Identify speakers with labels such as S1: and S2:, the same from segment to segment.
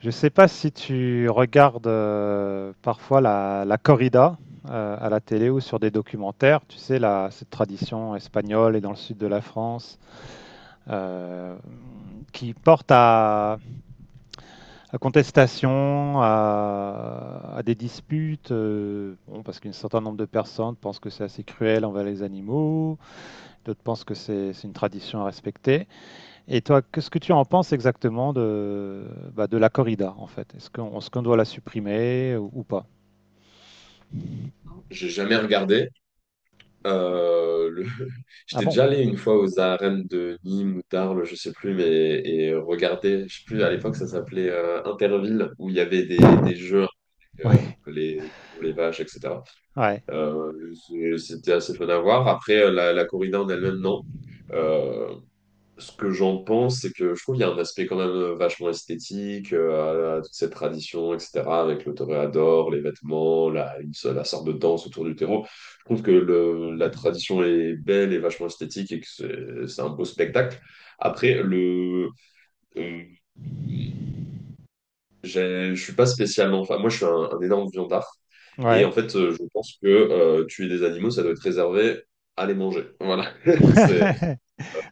S1: Je ne sais pas si tu regardes parfois la corrida à la télé ou sur des documentaires. Tu sais, cette tradition espagnole et dans le sud de la France euh, qui porte à contestation, à des disputes, bon, parce qu'un certain nombre de personnes pensent que c'est assez cruel envers les animaux, d'autres pensent que c'est une tradition à respecter. Et toi, qu'est-ce que tu en penses exactement bah, de la corrida, en fait? Est-ce qu'on doit la supprimer ou pas?
S2: J'ai jamais regardé. Le...
S1: Ah
S2: J'étais
S1: bon?
S2: déjà allé une fois aux arènes de Nîmes ou d'Arles, je sais plus, mais et regarder, je sais plus, à l'époque ça s'appelait Interville, où il y avait des jeux
S1: Ouais,
S2: les vaches, etc.
S1: ouais,
S2: C'était assez fun à voir. Après, la corrida en elle-même, non. Euh, Ce que j'en pense, c'est que je trouve qu'il y a un aspect quand même vachement esthétique à toute cette tradition, etc., avec le toréador, les vêtements, la sorte de danse autour du terreau. Je trouve que la tradition est belle et vachement esthétique et que c'est un beau spectacle. Après, le, euh, je suis pas spécialement... Enfin, moi, je suis un énorme viandard. Et en
S1: ouais.
S2: fait, je pense que tuer des animaux, ça doit être réservé à les manger. Voilà. C'est,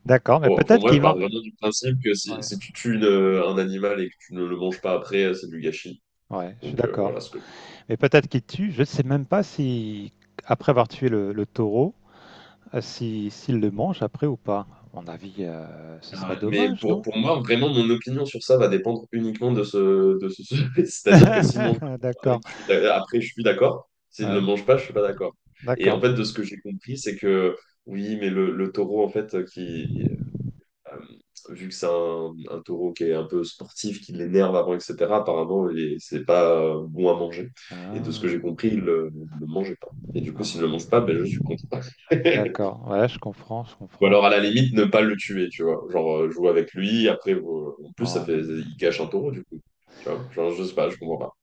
S1: D'accord, mais
S2: pour moi, je parle vraiment du principe que
S1: Ouais,
S2: si tu tues un animal et que tu ne le manges pas après, c'est du gâchis.
S1: ouais, je suis
S2: Donc
S1: d'accord.
S2: voilà ce que...
S1: Mais peut-être qu'il tue, je ne sais même pas si, après avoir tué le taureau, si, s'il le mange après ou pas. À mon avis, ce serait
S2: Ah ouais. Mais
S1: dommage, non?
S2: pour moi, vraiment, mon opinion sur ça va dépendre uniquement de ce sujet. C'est-à-dire que s'il mange le
S1: D'accord,
S2: avec, après, je suis d'accord. S'il ne le
S1: ouais,
S2: mange pas, je suis pas d'accord. Et en
S1: d'accord.
S2: fait, de ce que j'ai compris, c'est que oui, mais le taureau, en fait, Euh, vu que c'est un taureau qui est un peu sportif, qui l'énerve avant, etc., apparemment, c'est pas bon à manger. Et de ce que
S1: Ah,
S2: j'ai compris, ne le mangeait pas. Et du coup, s'il ne
S1: ah,
S2: le mange pas, ben, je suis contre.
S1: d'accord, ouais, je comprends, je
S2: Ou
S1: comprends.
S2: alors, à la limite, ne pas le tuer, tu vois. Genre, jouer avec lui, après, en plus, ça
S1: Ouais.
S2: fait, il cache un taureau, du coup. Tu vois, genre, je sais pas, je comprends pas.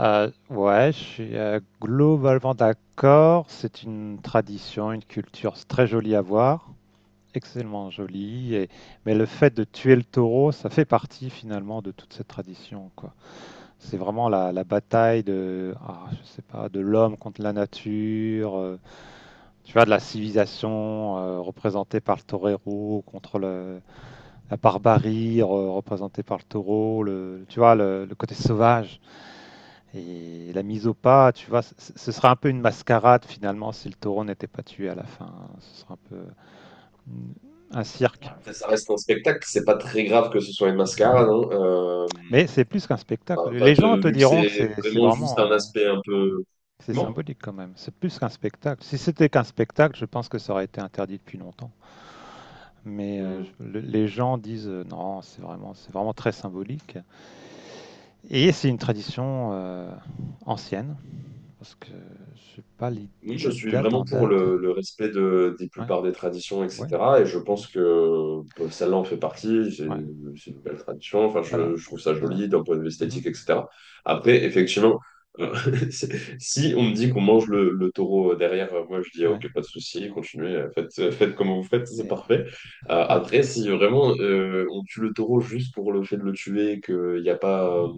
S1: Ouais, je suis globalement d'accord. C'est une tradition, une culture, c'est très jolie à voir, extrêmement jolie. Mais le fait de tuer le taureau, ça fait partie finalement de toute cette tradition, quoi. C'est vraiment la bataille ah, je sais pas, de l'homme contre la nature, tu vois, de la civilisation représentée par le torero contre la barbarie représentée par le taureau, le, tu vois, le côté sauvage et la mise au pas, tu vois, ce sera un peu une mascarade finalement si le taureau n'était pas tué à la fin. Ce sera un peu un cirque.
S2: Ouais. Après, ça reste un spectacle, c'est pas très grave que ce soit une mascarade, hein.
S1: Mais c'est plus qu'un spectacle.
S2: Enfin, en
S1: Les
S2: fait,
S1: gens te
S2: vu que
S1: diront que
S2: c'est
S1: c'est
S2: vraiment juste
S1: vraiment,
S2: un aspect un peu...
S1: c'est
S2: Comment?
S1: symbolique quand même. C'est plus qu'un spectacle. Si c'était qu'un spectacle, je pense que ça aurait été interdit depuis longtemps. Mais les gens disent non, c'est vraiment très symbolique. Et c'est une tradition ancienne, parce que je sais pas
S2: Oui, je
S1: la
S2: suis
S1: date en
S2: vraiment pour
S1: date.
S2: le respect des
S1: Ouais,
S2: plupart des traditions,
S1: ouais.
S2: etc. Et je
S1: Mhm.
S2: pense que bah, celle-là en fait partie.
S1: Ouais.
S2: C'est une belle tradition. Enfin,
S1: Voilà,
S2: je trouve ça
S1: voilà.
S2: joli d'un point de vue
S1: Mhm.
S2: esthétique, etc. Après, effectivement, euh, c'est- si on me dit qu'on mange le taureau derrière, moi je dis ah,
S1: Ouais.
S2: ok, pas de souci, continuez, faites comme vous faites, c'est
S1: Et-
S2: parfait.
S1: ouais.
S2: Après, si vraiment on tue le taureau juste pour le fait de le tuer, et qu'il n'y a pas,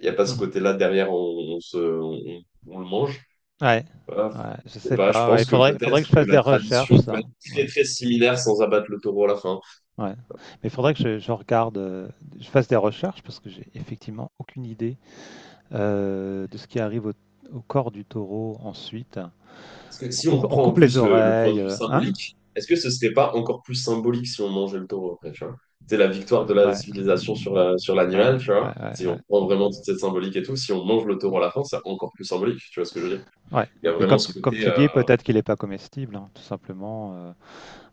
S2: il y a pas ce
S1: Mhm.
S2: côté-là derrière, on le mange.
S1: Ouais,
S2: euh,
S1: ouais, je
S2: je sais
S1: sais
S2: pas, je
S1: pas. Ouais,
S2: pense
S1: il
S2: que
S1: faudrait, faudrait que
S2: peut-être
S1: je
S2: que
S1: fasse des
S2: la
S1: recherches,
S2: tradition peut
S1: ça.
S2: être
S1: Ouais,
S2: très très similaire sans abattre le taureau à la fin.
S1: ouais. Mais il faudrait que je regarde, je fasse des recherches parce que j'ai effectivement aucune idée de ce qui arrive au corps du taureau ensuite.
S2: Parce que si on
S1: On
S2: reprend en
S1: coupe les
S2: plus le point
S1: oreilles,
S2: de vue
S1: hein?
S2: symbolique, est-ce que ce serait pas encore plus symbolique si on mangeait le taureau après, tu vois? C'est la victoire de la
S1: Ouais,
S2: civilisation sur sur
S1: ouais,
S2: l'animal, tu vois?
S1: ouais, ouais,
S2: Si
S1: ouais.
S2: on prend vraiment toute cette symbolique et tout, si on mange le taureau à la fin, c'est encore plus symbolique, tu vois ce que je veux dire?
S1: Ouais.
S2: Il y a
S1: Mais
S2: vraiment ce
S1: comme
S2: côté...
S1: tu dis, peut-être qu'il n'est pas comestible, hein, tout simplement.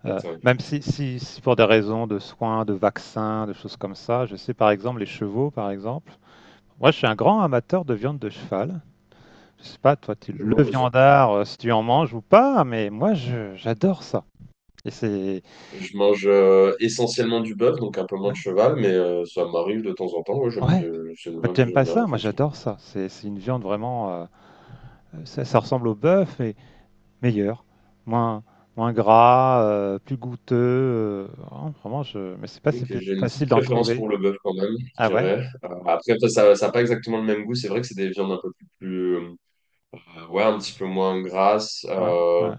S2: Attends,
S1: Même
S2: je sais.
S1: si pour des raisons de soins, de vaccins, de choses comme ça, je sais par exemple les chevaux, par exemple. Moi, je suis un grand amateur de viande de cheval. Je sais pas, toi, tu
S2: Je mange
S1: le
S2: quoi, ça...
S1: viandard, si tu en manges ou pas, mais moi, j'adore ça. Et c'est...
S2: Je mange essentiellement du bœuf, donc un peu moins
S1: Ouais.
S2: de cheval, mais ça m'arrive de temps en temps. Ouais, j'aime
S1: Ouais.
S2: bien, c'est une
S1: Toi,
S2: viande que
S1: t'aimes
S2: j'aime
S1: pas
S2: bien,
S1: ça? Moi,
S2: effectivement.
S1: j'adore ça. C'est une viande vraiment... ça, ça ressemble au bœuf, mais meilleur. Moins, moins gras, plus goûteux. Vraiment, je... Mais c'est pas
S2: Ok,
S1: si
S2: j'ai une petite
S1: facile d'en
S2: préférence
S1: trouver.
S2: pour le bœuf quand même,
S1: Ah
S2: je
S1: ouais?
S2: dirais. Après, ça a pas exactement le même goût. C'est vrai que c'est des viandes un peu plus, ouais, un petit peu moins grasses.
S1: Ouais. Ouais.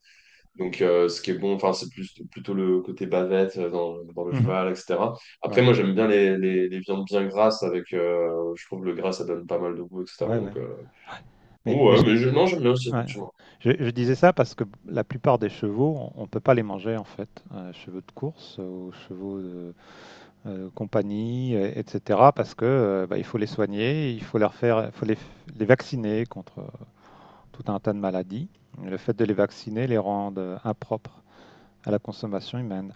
S2: Donc, ce qui est bon, enfin, c'est plus plutôt le côté bavette dans le
S1: Mhm.
S2: cheval, etc. Après,
S1: Ouais.
S2: moi, j'aime bien les viandes bien grasses avec. Je trouve que le gras, ça donne pas mal de goût, etc.
S1: Ouais, ouais.
S2: Donc,
S1: Mais, mais
S2: ouais, mais
S1: je,
S2: je, non, j'aime bien aussi
S1: ouais.
S2: effectivement.
S1: Je disais ça parce que la plupart des chevaux, on ne peut pas les manger en fait. Chevaux de course, aux chevaux de compagnie, etc. Parce que bah, il faut les soigner, il faut leur faire, il faut les vacciner contre tout un tas de maladies. Le fait de les vacciner les rend impropres à la consommation humaine.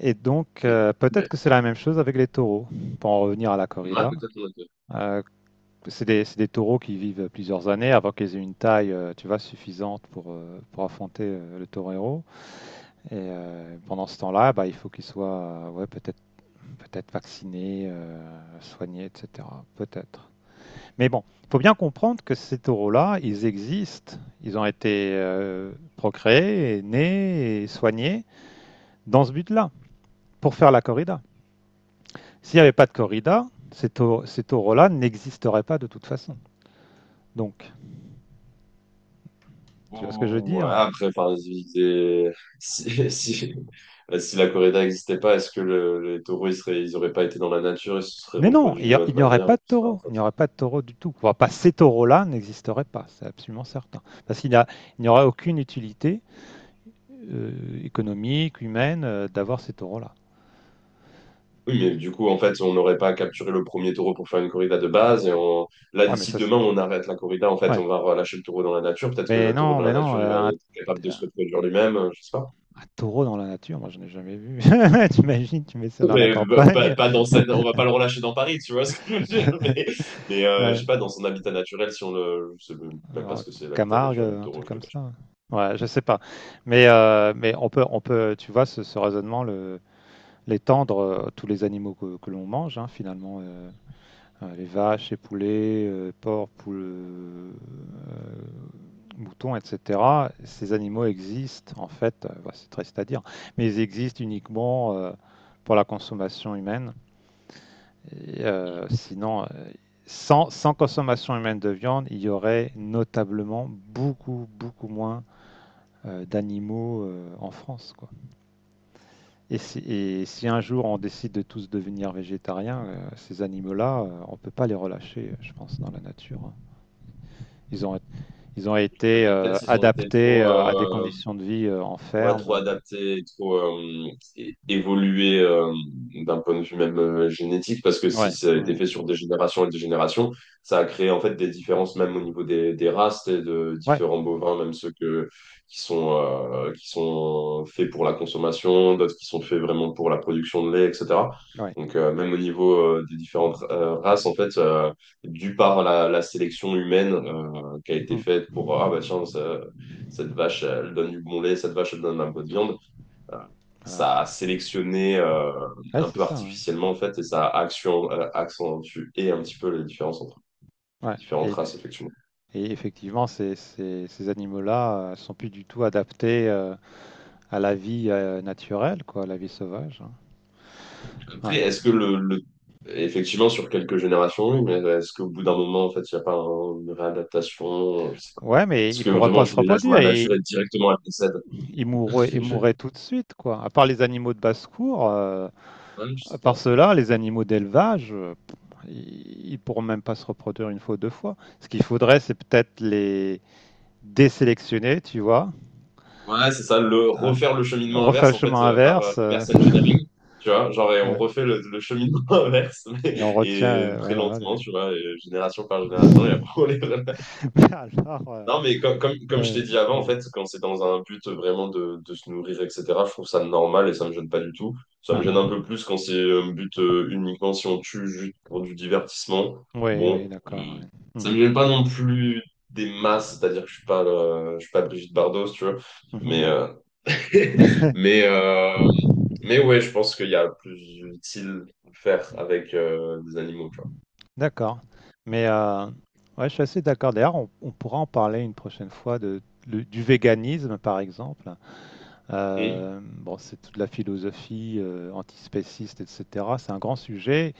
S1: Et donc
S2: Mm.
S1: peut-être
S2: Ouais.
S1: que c'est la même chose avec les taureaux. Pour en revenir à la
S2: Ouais,
S1: corrida,
S2: peut-être.
S1: euh, c'est des, c'est des taureaux qui vivent plusieurs années avant qu'ils aient une taille, tu vois, suffisante pour affronter le torero. Et pendant ce temps-là, bah, il faut qu'ils soient, ouais, peut-être vaccinés, soignés, etc. Peut-être. Mais bon, il faut bien comprendre que ces taureaux-là, ils existent. Ils ont été procréés, et nés et soignés dans ce but-là, pour faire la corrida. S'il n'y avait pas de corrida, ces taureaux-là n'existeraient pas de toute façon. Donc, tu vois ce que je veux
S2: Ouh, ouais,
S1: dire.
S2: après, enfin, si, si, bah, si la corrida n'existait pas, est-ce que les taureaux, ils auraient pas été dans la nature, ils se seraient
S1: Mais non,
S2: reproduits d'une
S1: il
S2: autre
S1: n'y aurait
S2: manière?
S1: pas de
S2: Je sais pas, en
S1: taureau, il n'y
S2: fait.
S1: aurait pas de taureau du tout. Enfin, pas ces taureaux-là n'existeraient pas, c'est absolument certain. Parce qu'il n'a- il n'y aurait aucune utilité économique, humaine, d'avoir ces taureaux-là.
S2: Oui, mais du coup, en fait, on n'aurait pas capturé le premier taureau pour faire une corrida de base. Et on... là,
S1: Ouais, mais
S2: d'ici
S1: ça, c'est-
S2: demain, on arrête la corrida, en fait,
S1: ouais.
S2: on va relâcher le taureau dans la nature. Peut-être que le taureau dans
S1: Mais
S2: la
S1: non,
S2: nature, il va être capable de se reproduire lui-même, je sais pas.
S1: un taureau dans la nature, moi, je n'ai jamais vu. T'imagines, tu mets ça dans la
S2: Mais bah,
S1: campagne,
S2: pas dans cette, on va pas le relâcher dans Paris, tu vois ce que je veux dire. Je
S1: ouais.
S2: sais pas, dans son habitat naturel, si on le, je sais même pas
S1: Alors,
S2: ce que c'est l'habitat
S1: Camargue,
S2: naturel du
S1: un truc
S2: taureau, je te
S1: comme
S2: cache pas.
S1: ça. Ouais, je sais pas. Mais on peut, tu vois, ce raisonnement le, les tendre tous les animaux que l'on mange, hein, finalement, les vaches, les poulets, porcs, poules, moutons, etc. Ces animaux existent, en fait, bah, c'est triste à dire, mais ils existent uniquement pour la consommation humaine. Sinon, sans consommation humaine de viande, il y aurait notablement beaucoup, beaucoup moins d'animaux en France, quoi. Et si un jour on décide de tous devenir végétariens, ces animaux-là, on ne peut pas les relâcher, je pense, dans la nature, hein. Ils ont, ils ont
S2: Je sais
S1: été
S2: pas, peut-être s'ils ont été
S1: adaptés
S2: trop...
S1: à des conditions de vie en
S2: Ouais, trop
S1: ferme.
S2: adapté, trop évolué d'un point de vue même génétique, parce que si
S1: Ouais,
S2: ça a été
S1: ouais,
S2: fait sur des générations et des générations, ça a créé en fait des différences même au niveau des races et de
S1: ouais,
S2: différents bovins, même ceux que, qui sont, qui sont faits pour la consommation, d'autres qui sont faits vraiment pour la production de lait, etc.
S1: ouais.
S2: Donc même au niveau des différentes races, en fait, dû par la sélection humaine qui a été
S1: Hmm,
S2: faite pour, ah bah tiens, ça, cette vache, elle donne du bon lait, cette vache, elle donne un peu de viande. Euh,
S1: voilà.
S2: Ça a sélectionné
S1: Ouais,
S2: un
S1: c'est
S2: peu
S1: ça, hein.
S2: artificiellement, en fait, et ça a accentué un petit peu les différences entre
S1: Ouais.
S2: différentes
S1: Et,
S2: races, effectivement.
S1: et effectivement, ces, ces, ces animaux-là sont plus du tout adaptés à la vie naturelle, quoi, à la vie sauvage, hein.
S2: Après,
S1: Ouais.
S2: est-ce que effectivement, sur quelques générations, oui, mais est-ce qu'au bout d'un moment, en fait, il n'y a pas une réadaptation? Je sais pas.
S1: Ouais, mais
S2: Est-ce
S1: ils
S2: que
S1: pourraient
S2: vraiment
S1: pas se
S2: tu les lâches dans
S1: reproduire.
S2: la nature
S1: Et
S2: et directement elles décèdent?
S1: ils mourraient, ils
S2: Je,
S1: mourraient tout de suite, quoi. À part les animaux de basse-cour,
S2: ouais, je
S1: à
S2: sais
S1: part
S2: pas.
S1: ceux-là, les animaux d'élevage, ils pourront même pas se reproduire une fois ou deux fois. Ce qu'il faudrait, c'est peut-être les désélectionner, tu vois.
S2: Ouais, c'est ça, le
S1: Hein,
S2: refaire le cheminement
S1: refaire
S2: inverse
S1: le
S2: en fait
S1: chemin
S2: par
S1: inverse.
S2: reverse engineering, tu vois, genre et on
S1: Ouais.
S2: refait le cheminement inverse
S1: Et on retient,
S2: et très
S1: voilà.
S2: lentement,
S1: des-
S2: tu vois, et génération par génération et après on les refait.
S1: Mais alors,
S2: Non, mais comme je
S1: euh,
S2: t'ai dit avant, en
S1: euh,
S2: fait, quand c'est dans un but vraiment de se nourrir, etc., je trouve ça normal et ça me gêne pas du tout. Ça
S1: ah,
S2: me gêne un
S1: ah.
S2: peu plus quand c'est un but uniquement si on tue juste pour du divertissement.
S1: Oui, oui,
S2: Bon,
S1: d'accord, ouais.
S2: ça me gêne pas non plus des masses, c'est-à-dire que je suis pas Brigitte Bardot, si tu vois, mais
S1: Mhm, mhm.
S2: Mais, euh, mais ouais, je pense qu'il y a plus utile à faire avec des animaux, tu vois.
S1: D'accord. Mais ouais, je suis assez d'accord. D'ailleurs, on pourra en parler une prochaine fois du véganisme, par exemple.
S2: Et
S1: Bon, c'est toute la philosophie antispéciste, etc. C'est un grand sujet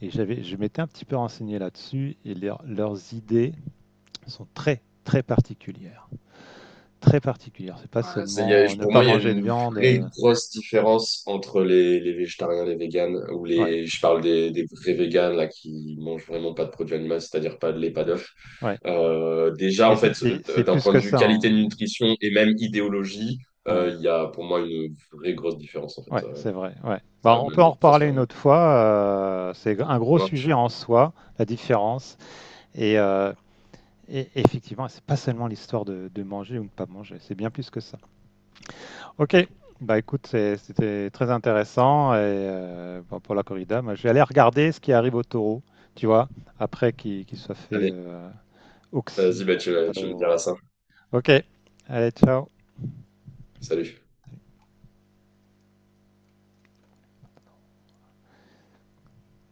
S1: et j'avais, je m'étais un petit peu renseigné là-dessus et leurs idées sont très, très particulières. Très particulières. C'est pas
S2: voilà,
S1: seulement ne
S2: pour moi,
S1: pas
S2: il y a
S1: manger de
S2: une
S1: viande.
S2: vraie grosse différence entre les végétariens, les véganes, ou
S1: Ouais,
S2: les, je parle des vrais véganes, là, qui mangent vraiment pas de produits animaux, c'est-à-dire pas de lait, pas d'œufs.
S1: ouais.
S2: Déjà,
S1: Mais
S2: en fait,
S1: c'est
S2: d'un
S1: plus
S2: point
S1: que
S2: de vue
S1: ça,
S2: qualité
S1: hein.
S2: de nutrition et même idéologie,
S1: Ouais.
S2: il y a pour moi une vraie grosse différence, en fait.
S1: Ouais, c'est vrai. Ouais.
S2: Ça
S1: Bah,
S2: a
S1: on
S2: même
S1: peut en
S2: presque
S1: reparler
S2: rien à
S1: une
S2: voir.
S1: autre fois. C'est un gros
S2: Ça
S1: sujet
S2: marche.
S1: en soi, la différence. Et, euh, et effectivement, c'est pas seulement l'histoire de manger ou de pas manger. C'est bien plus que ça. Ok. Bah écoute, c'était très intéressant. Et bon, pour la corrida, moi, je vais aller regarder ce qui arrive au taureau. Tu vois, après qu'il soit fait
S2: Allez,
S1: oxy
S2: vas-y, bah,
S1: par le
S2: tu me
S1: matador.
S2: diras ça.
S1: Ok. Allez, ciao.
S2: Salut.